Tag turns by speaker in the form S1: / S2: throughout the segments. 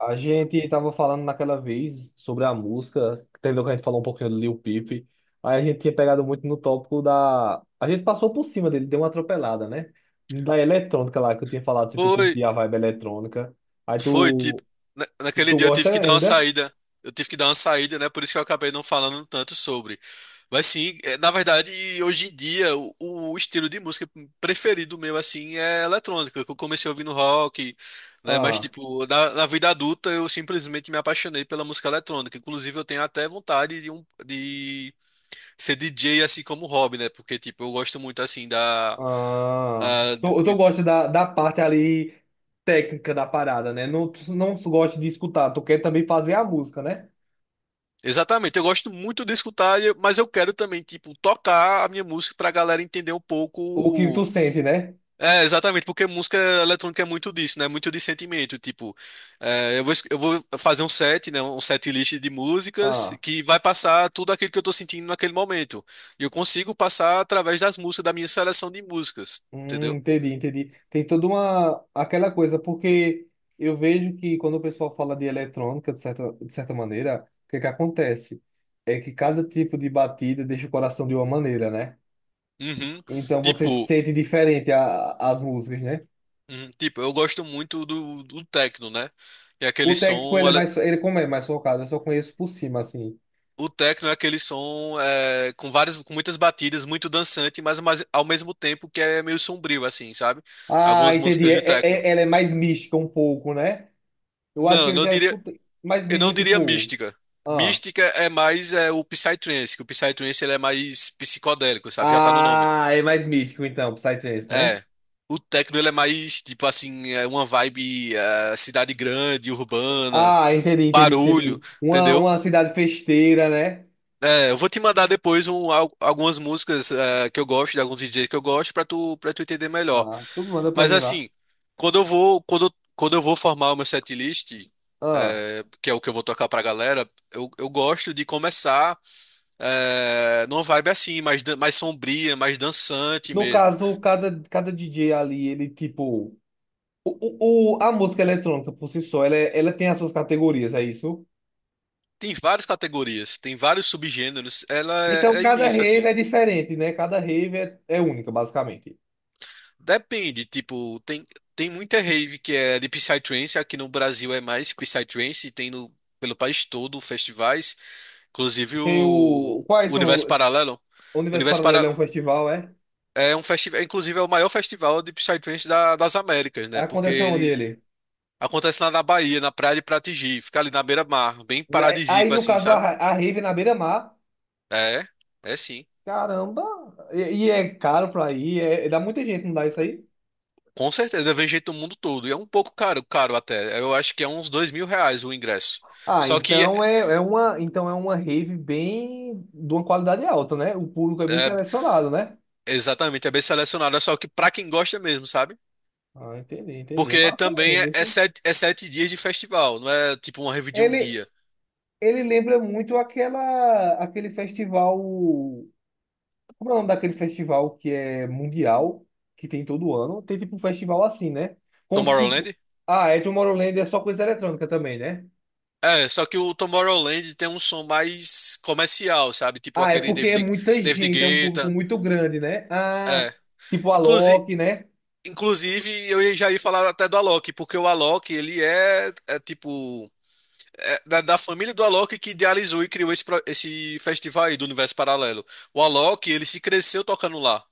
S1: A gente tava falando naquela vez sobre a música, entendeu? Que a gente falou um pouquinho do Lil Peep. Aí a gente tinha pegado muito no tópico da. A gente passou por cima dele, deu uma atropelada, né? Da eletrônica lá, que eu tinha falado se tu
S2: Foi,
S1: curtia a vibe eletrônica. Aí
S2: foi, tipo,
S1: tu.
S2: naquele
S1: Tu
S2: dia eu
S1: gosta
S2: tive que dar uma
S1: ainda?
S2: saída, eu tive que dar uma saída, né? Por isso que eu acabei não falando tanto sobre. Mas sim, na verdade, hoje em dia, o estilo de música preferido meu, assim, é eletrônica, que eu comecei ouvindo rock, né? Mas,
S1: Ah,
S2: tipo, na vida adulta, eu simplesmente me apaixonei pela música eletrônica. Inclusive, eu tenho até vontade de ser DJ assim, como hobby, né? Porque, tipo, eu gosto muito, assim, da.
S1: ah.
S2: A-
S1: Tu
S2: de
S1: gosta da parte ali técnica da parada, né? Não, tu não gosta de escutar, tu quer também fazer a música, né?
S2: Exatamente, eu gosto muito de escutar, mas eu quero também, tipo, tocar a minha música pra galera entender um
S1: O que tu
S2: pouco.
S1: sente, né?
S2: É, exatamente, porque música eletrônica é muito disso, né? Muito de sentimento. Tipo, eu vou, eu vou fazer um set, né? Um set list de músicas
S1: Ah,
S2: que vai passar tudo aquilo que eu tô sentindo naquele momento. E eu consigo passar através das músicas, da minha seleção de músicas,
S1: hum,
S2: entendeu?
S1: entendi, entendi. Tem toda uma aquela coisa, porque eu vejo que quando o pessoal fala de eletrônica, de certa maneira, o que é que acontece? É que cada tipo de batida deixa o coração de uma maneira, né?
S2: Uhum.
S1: Então você
S2: Tipo,
S1: sente diferente as músicas, né?
S2: uhum, tipo, eu gosto muito do techno, né? É
S1: O
S2: aquele
S1: técnico,
S2: som.
S1: ele é mais, ele como é mais focado, eu só conheço por cima, assim.
S2: O techno é aquele som, com várias, com muitas batidas, muito dançante, mas, ao mesmo tempo que é meio sombrio, assim, sabe?
S1: Ah,
S2: Algumas
S1: entendi.
S2: músicas
S1: É,
S2: de
S1: é,
S2: techno.
S1: é- ela é mais mística um pouco, né? Eu acho
S2: Não,
S1: que eu já escutei. Mais
S2: eu
S1: mística,
S2: não diria
S1: tipo.
S2: mística.
S1: Ah,
S2: Mística é mais, o Psytrance, que o Psytrance ele é mais psicodélico, sabe? Já tá no nome.
S1: ah é mais místico então, Psytrance, né?
S2: É. O techno ele é mais, tipo assim, é uma vibe, cidade grande, urbana,
S1: Ah, entendi, entendi,
S2: barulho,
S1: entendi. Uma,
S2: entendeu?
S1: uma cidade festeira, né?
S2: É, eu vou te mandar depois algumas músicas que eu gosto, de alguns DJs que eu gosto, pra tu, para tu entender melhor.
S1: Ah, tu manda pra
S2: Mas
S1: mim lá.
S2: assim, quando eu vou, quando eu vou formar o meu setlist,
S1: Ah,
S2: que é o que eu vou tocar pra galera, eu gosto de começar numa vibe assim, mais, mais sombria, mais dançante
S1: no
S2: mesmo.
S1: caso, cada DJ ali, ele tipo. A música eletrônica por si só, ela, ela tem as suas categorias, é isso?
S2: Tem várias categorias, tem vários subgêneros, ela
S1: Então,
S2: é
S1: cada
S2: imensa
S1: rave
S2: assim.
S1: é diferente, né? Cada rave é única, basicamente.
S2: Depende, tipo, tem muita rave que é de Psytrance, aqui no Brasil é mais Psytrance, tem no, pelo país todo festivais, inclusive
S1: Tem
S2: o
S1: o. Quais são.
S2: Universo
S1: o
S2: Paralelo.
S1: o
S2: O
S1: Universo
S2: Universo
S1: Paralelo é
S2: Paralelo
S1: um festival, é?
S2: é um festival, inclusive é o maior festival de Psytrance da- das Américas, né? Porque
S1: Acontece aonde
S2: ele
S1: ele?
S2: acontece lá na Bahia, na Praia de Pratigi, fica ali na beira-mar, bem
S1: Aí,
S2: paradisíaco
S1: no
S2: assim,
S1: caso,
S2: sabe?
S1: a rave é na beira-mar.
S2: É, é sim.
S1: Caramba! E é caro pra ir, é, dá muita gente, não dá isso aí?
S2: Com certeza, vem gente do mundo todo. E é um pouco caro, caro até. Eu acho que é uns R$ 2.000 o ingresso.
S1: Ah,
S2: Só que
S1: então
S2: é,
S1: é, é uma, então é uma rave bem de uma qualidade alta, né? O público é bem
S2: é.
S1: selecionado, né?
S2: Exatamente, é bem selecionado, é só que pra quem gosta mesmo, sabe?
S1: Ah, entendi, entendi. É
S2: Porque
S1: massa mesmo,
S2: também é,
S1: viu? Sim?
S2: é 7 dias de festival, não é tipo uma rave de um
S1: Ele,
S2: dia.
S1: ele lembra muito aquele festival. Como é o nome daquele festival que é mundial, que tem todo ano? Tem tipo um festival assim, né? Como se tipo.
S2: Tomorrowland?
S1: Ah, é Tomorrowland é só coisa eletrônica também, né?
S2: É, só que o Tomorrowland tem um som mais comercial, sabe? Tipo
S1: Ah, é
S2: aquele
S1: porque é muita
S2: David
S1: gente, é um público
S2: Guetta.
S1: muito grande, né? Ah,
S2: É.
S1: tipo a
S2: Inclusive,
S1: Loki, né?
S2: inclusive, eu já ia falar até do Alok, porque o Alok, ele é, é tipo. É da família do Alok que idealizou e criou esse, esse festival aí do Universo Paralelo. O Alok, ele se cresceu tocando lá.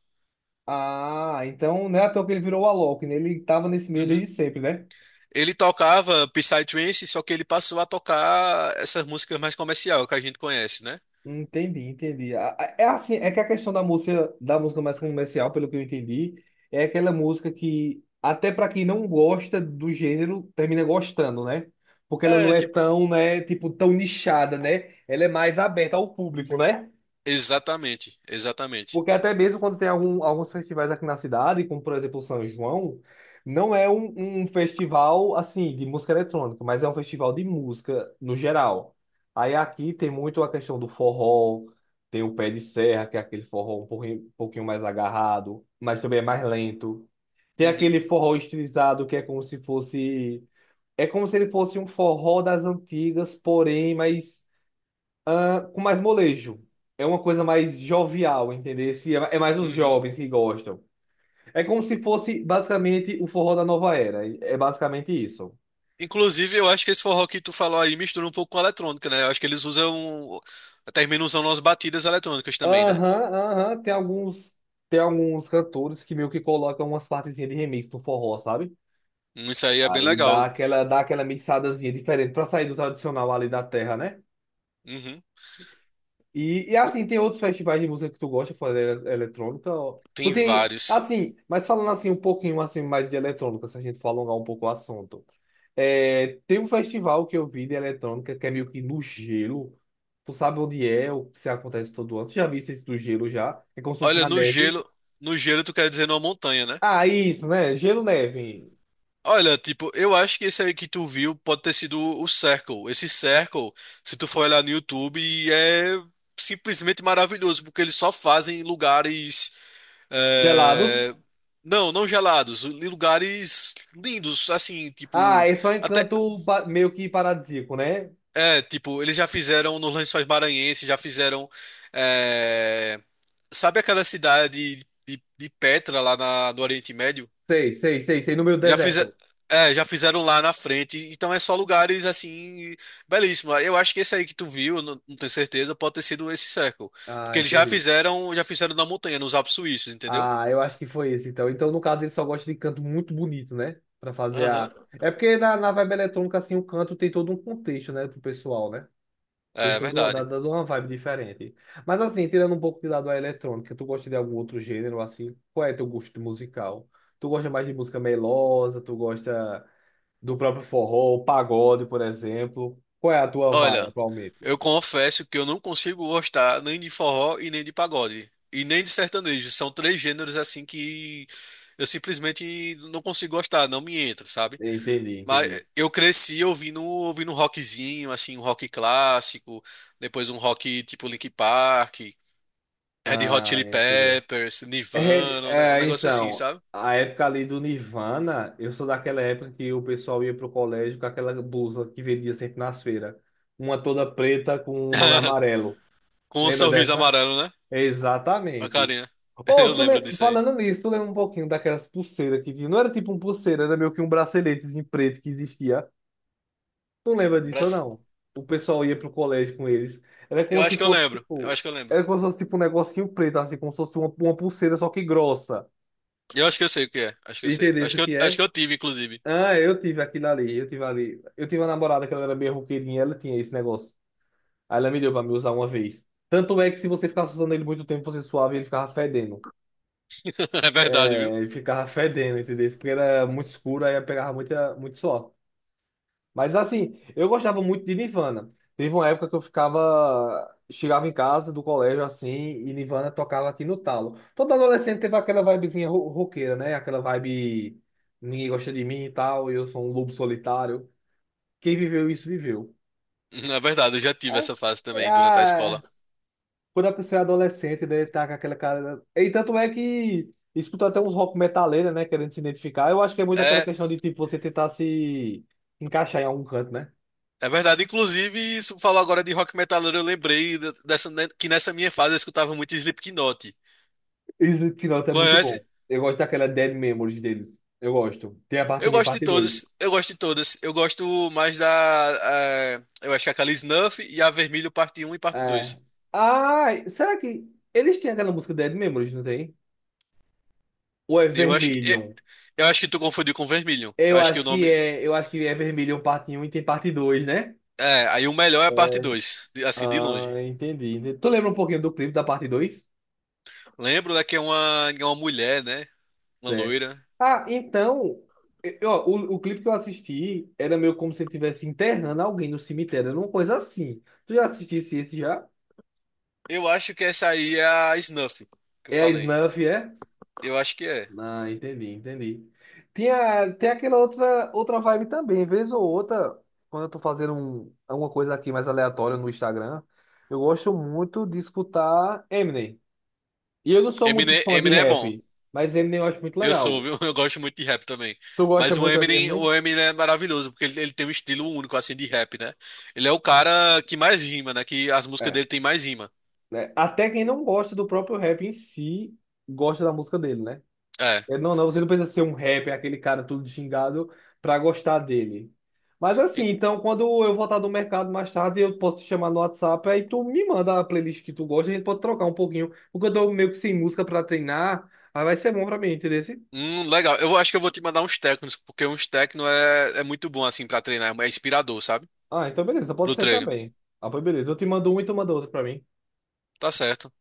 S1: Ah, então não é à toa que ele virou o Alok, né? Ele tava nesse meio desde
S2: Uhum.
S1: sempre, né?
S2: Ele tocava Psytrance, só que ele passou a tocar essas músicas mais comercial que a gente conhece, né?
S1: Entendi, entendi. É assim, é que a questão da música, mais comercial, pelo que eu entendi, é aquela música que, até para quem não gosta do gênero, termina gostando, né? Porque ela não
S2: É,
S1: é
S2: tipo,
S1: tão, né, tipo, tão nichada, né? Ela é mais aberta ao público, né?
S2: exatamente, exatamente.
S1: Porque até mesmo quando tem alguns festivais aqui na cidade, como por exemplo o São João, não é um festival assim de música eletrônica, mas é um festival de música no geral. Aí aqui tem muito a questão do forró, tem o pé de serra, que é aquele forró um pouquinho mais agarrado, mas também é mais lento. Tem
S2: Uhum,
S1: aquele forró estilizado que é como se fosse, é como se ele fosse um forró das antigas, porém mais com mais molejo. É uma coisa mais jovial, entendeu? Se É é mais os
S2: uhum.
S1: jovens que gostam. É como se fosse basicamente o forró da nova era. É basicamente isso.
S2: Inclusive, eu acho que esse forró que tu falou aí mistura um pouco com a eletrônica, né? Eu acho que eles usam, terminam usando umas batidas eletrônicas também, né?
S1: Aham, aham. Tem alguns cantores que meio que colocam umas partezinhas de remix no forró, sabe?
S2: Isso aí é bem
S1: Aí dá
S2: legal.
S1: aquela, dá aquela mixadazinha diferente pra sair do tradicional ali da terra, né?
S2: Uhum.
S1: E assim, tem outros festivais de música que tu gosta fora da eletrônica? Ó. Tu
S2: Tem
S1: tem,
S2: vários.
S1: assim, mas falando assim um pouquinho assim mais de eletrônica, se a gente for alongar um pouco o assunto. É, tem um festival que eu vi de eletrônica que é meio que no gelo. Tu sabe onde é, o que se acontece todo ano. Tu já viste isso do gelo já? É como se fosse
S2: Olha,
S1: na
S2: no
S1: neve.
S2: gelo, no gelo tu quer dizer numa montanha, né?
S1: Ah, isso, né? Gelo, neve.
S2: Olha, tipo, eu acho que esse aí que tu viu pode ter sido o Circle. Esse Circle, se tu for olhar no YouTube, é simplesmente maravilhoso, porque eles só fazem em lugares.
S1: Gelados.
S2: eh, Não, não gelados, em lugares lindos, assim,
S1: Ah,
S2: tipo.
S1: é só
S2: Até.
S1: encanto meio que paradisíaco, né?
S2: É, tipo, eles já fizeram nos Lençóis Maranhenses, já fizeram. eh, Sabe aquela cidade de Petra lá na, no Oriente Médio?
S1: Sei, sei, sei, sei, no meio do
S2: Já fiz,
S1: deserto.
S2: já fizeram lá na frente, então é só lugares assim belíssimos. Eu acho que esse aí que tu viu, não, não tenho certeza, pode ter sido esse Circle,
S1: Ah,
S2: porque eles já
S1: entendi.
S2: fizeram, já fizeram na montanha, nos Alpes Suíços, entendeu?
S1: Ah, eu acho que foi esse, então. Então, no caso, ele só gosta de canto muito bonito, né? Pra fazer a.
S2: Aham.
S1: É porque na vibe eletrônica, assim, o canto tem todo um contexto, né, pro pessoal, né? Tem
S2: É
S1: todo, dá,
S2: verdade.
S1: dá uma vibe diferente. Mas, assim, tirando um pouco de lado a eletrônica, tu gosta de algum outro gênero, assim? Qual é teu gosto musical? Tu gosta mais de música melosa? Tu gosta do próprio forró, pagode, por exemplo? Qual é a tua vibe
S2: Olha,
S1: atualmente?
S2: eu confesso que eu não consigo gostar nem de forró e nem de pagode e nem de sertanejo. São três gêneros assim que eu simplesmente não consigo gostar, não me entra, sabe?
S1: Entendi,
S2: Mas
S1: entendi.
S2: eu cresci ouvindo um rockzinho, assim, um rock clássico, depois um rock tipo Linkin Park, Red Hot
S1: Ah,
S2: Chili
S1: entendi.
S2: Peppers, Nirvana, um
S1: É, é,
S2: negócio assim,
S1: então,
S2: sabe?
S1: a época ali do Nirvana, eu sou daquela época que o pessoal ia pro colégio com aquela blusa que vendia sempre nas feiras. Uma toda preta com o nome amarelo.
S2: Com um
S1: Lembra
S2: sorriso
S1: dessa?
S2: amarelo, né? Uma
S1: Exatamente.
S2: carinha.
S1: Oh,
S2: Eu lembro disso aí.
S1: falando nisso, tu lembra um pouquinho daquelas pulseiras que tinha? Não era tipo um pulseira, era meio que um braceletezinho preto que existia. Tu lembra
S2: Um
S1: disso ou
S2: braço-
S1: não? O pessoal ia pro colégio com eles. Era como
S2: Eu
S1: se
S2: acho que eu
S1: fosse
S2: lembro. Eu
S1: tipo,
S2: acho que eu lembro.
S1: era como se fosse tipo um negocinho preto, assim, como se fosse uma pulseira, só que grossa.
S2: Eu acho que eu sei o que é. Acho que eu sei.
S1: Entendesse o que
S2: Acho
S1: é?
S2: que eu tive, inclusive.
S1: Ah, eu tive aquilo ali. Eu tive uma namorada que ela era meio roqueirinha, ela tinha esse negócio. Aí ela me deu pra me usar uma vez. Tanto é que se você ficasse usando ele muito tempo, você suava e ele ficava fedendo.
S2: É verdade, viu?
S1: É, ele ficava fedendo, entendeu? Porque era muito escuro, aí pegava muito suor. Mas assim, eu gostava muito de Nirvana. Teve uma época que eu ficava, chegava em casa do colégio assim, e Nirvana tocava aqui no talo. Todo adolescente teve aquela vibezinha roqueira, né? Aquela vibe ninguém gosta de mim e tal, eu sou um lobo solitário. Quem viveu isso, viveu.
S2: É verdade, eu já tive essa fase
S1: É
S2: também durante a escola.
S1: a. Quando a pessoa é adolescente, né, tá com aquela cara, né? E tanto é que escuta até uns rock metaleira, né, querendo se identificar. Eu acho que é muito aquela
S2: é
S1: questão de tipo você tentar se encaixar em algum canto, né?
S2: É verdade, inclusive, você falou agora de rock metaleiro, eu lembrei dessa, né, que nessa minha fase eu escutava muito Slipknot.
S1: Esse Knot é muito
S2: Conhece?
S1: bom. Eu gosto daquela Dead Memories deles. Eu gosto. Tem a parte
S2: Eu
S1: um e
S2: gosto de
S1: parte
S2: todas,
S1: dois.
S2: eu gosto de todas. Eu gosto mais da. Eu acho que é aquela Snuff e a Vermelho parte Um e parte
S1: É.
S2: 2.
S1: Ah, será que eles têm aquela música Dead Memories, não tem? Ou é
S2: Eu acho que. eh,
S1: Vermilion?
S2: Eu acho que tu confundiu com Vermilion. Eu
S1: Eu
S2: acho que o
S1: acho que
S2: nome.
S1: é, eu acho que é Vermilion parte um e tem parte 2, né?
S2: É, aí o melhor é a parte 2, assim, de
S1: Ah,
S2: longe.
S1: entendi. Entendi. Tu lembra um pouquinho do clipe da parte 2?
S2: Lembro da que é uma mulher, né? Uma
S1: Certo.
S2: loira.
S1: Ah, então, ó, o clipe que eu assisti era meio como se ele estivesse internando alguém no cemitério, era uma coisa assim. Tu já assistisse esse já?
S2: Eu acho que essa aí é a Snuff, que eu
S1: É a
S2: falei.
S1: Snuff, é?
S2: Eu acho que é.
S1: Ah, entendi, entendi. Tinha, tem aquela outra vibe também, vez ou outra, quando eu tô fazendo alguma coisa aqui mais aleatória no Instagram, eu gosto muito de escutar Eminem. E eu não sou muito fã de
S2: Eminem é bom.
S1: rap, mas Eminem eu acho muito
S2: Eu sou,
S1: legal.
S2: viu? Eu gosto muito de rap também.
S1: Tu gosta
S2: Mas o
S1: muito de
S2: Eminem,
S1: Eminem?
S2: o Eminem é maravilhoso, porque ele tem um estilo único, assim, de rap, né? Ele é o cara que mais rima, né? Que as músicas
S1: É,
S2: dele tem mais rima.
S1: né? Até quem não gosta do próprio rap em si, gosta da música dele, né?
S2: É.
S1: É, não, não, você não precisa ser um rapper, aquele cara todo xingado, pra gostar dele. Mas assim,
S2: E-
S1: então quando eu voltar do mercado mais tarde, eu posso te chamar no WhatsApp, aí tu me manda a playlist que tu gosta, a gente pode trocar um pouquinho, porque eu tô meio que sem música pra treinar, aí vai ser bom pra mim, entendeu?
S2: Legal. Eu acho que eu vou te mandar uns técnicos, porque uns técnicos é muito bom, assim, pra treinar. É inspirador, sabe?
S1: Ah, então beleza, pode
S2: Pro
S1: ser
S2: treino.
S1: também. Ah, pois beleza, eu te mando um e tu manda outro pra mim.
S2: Tá certo.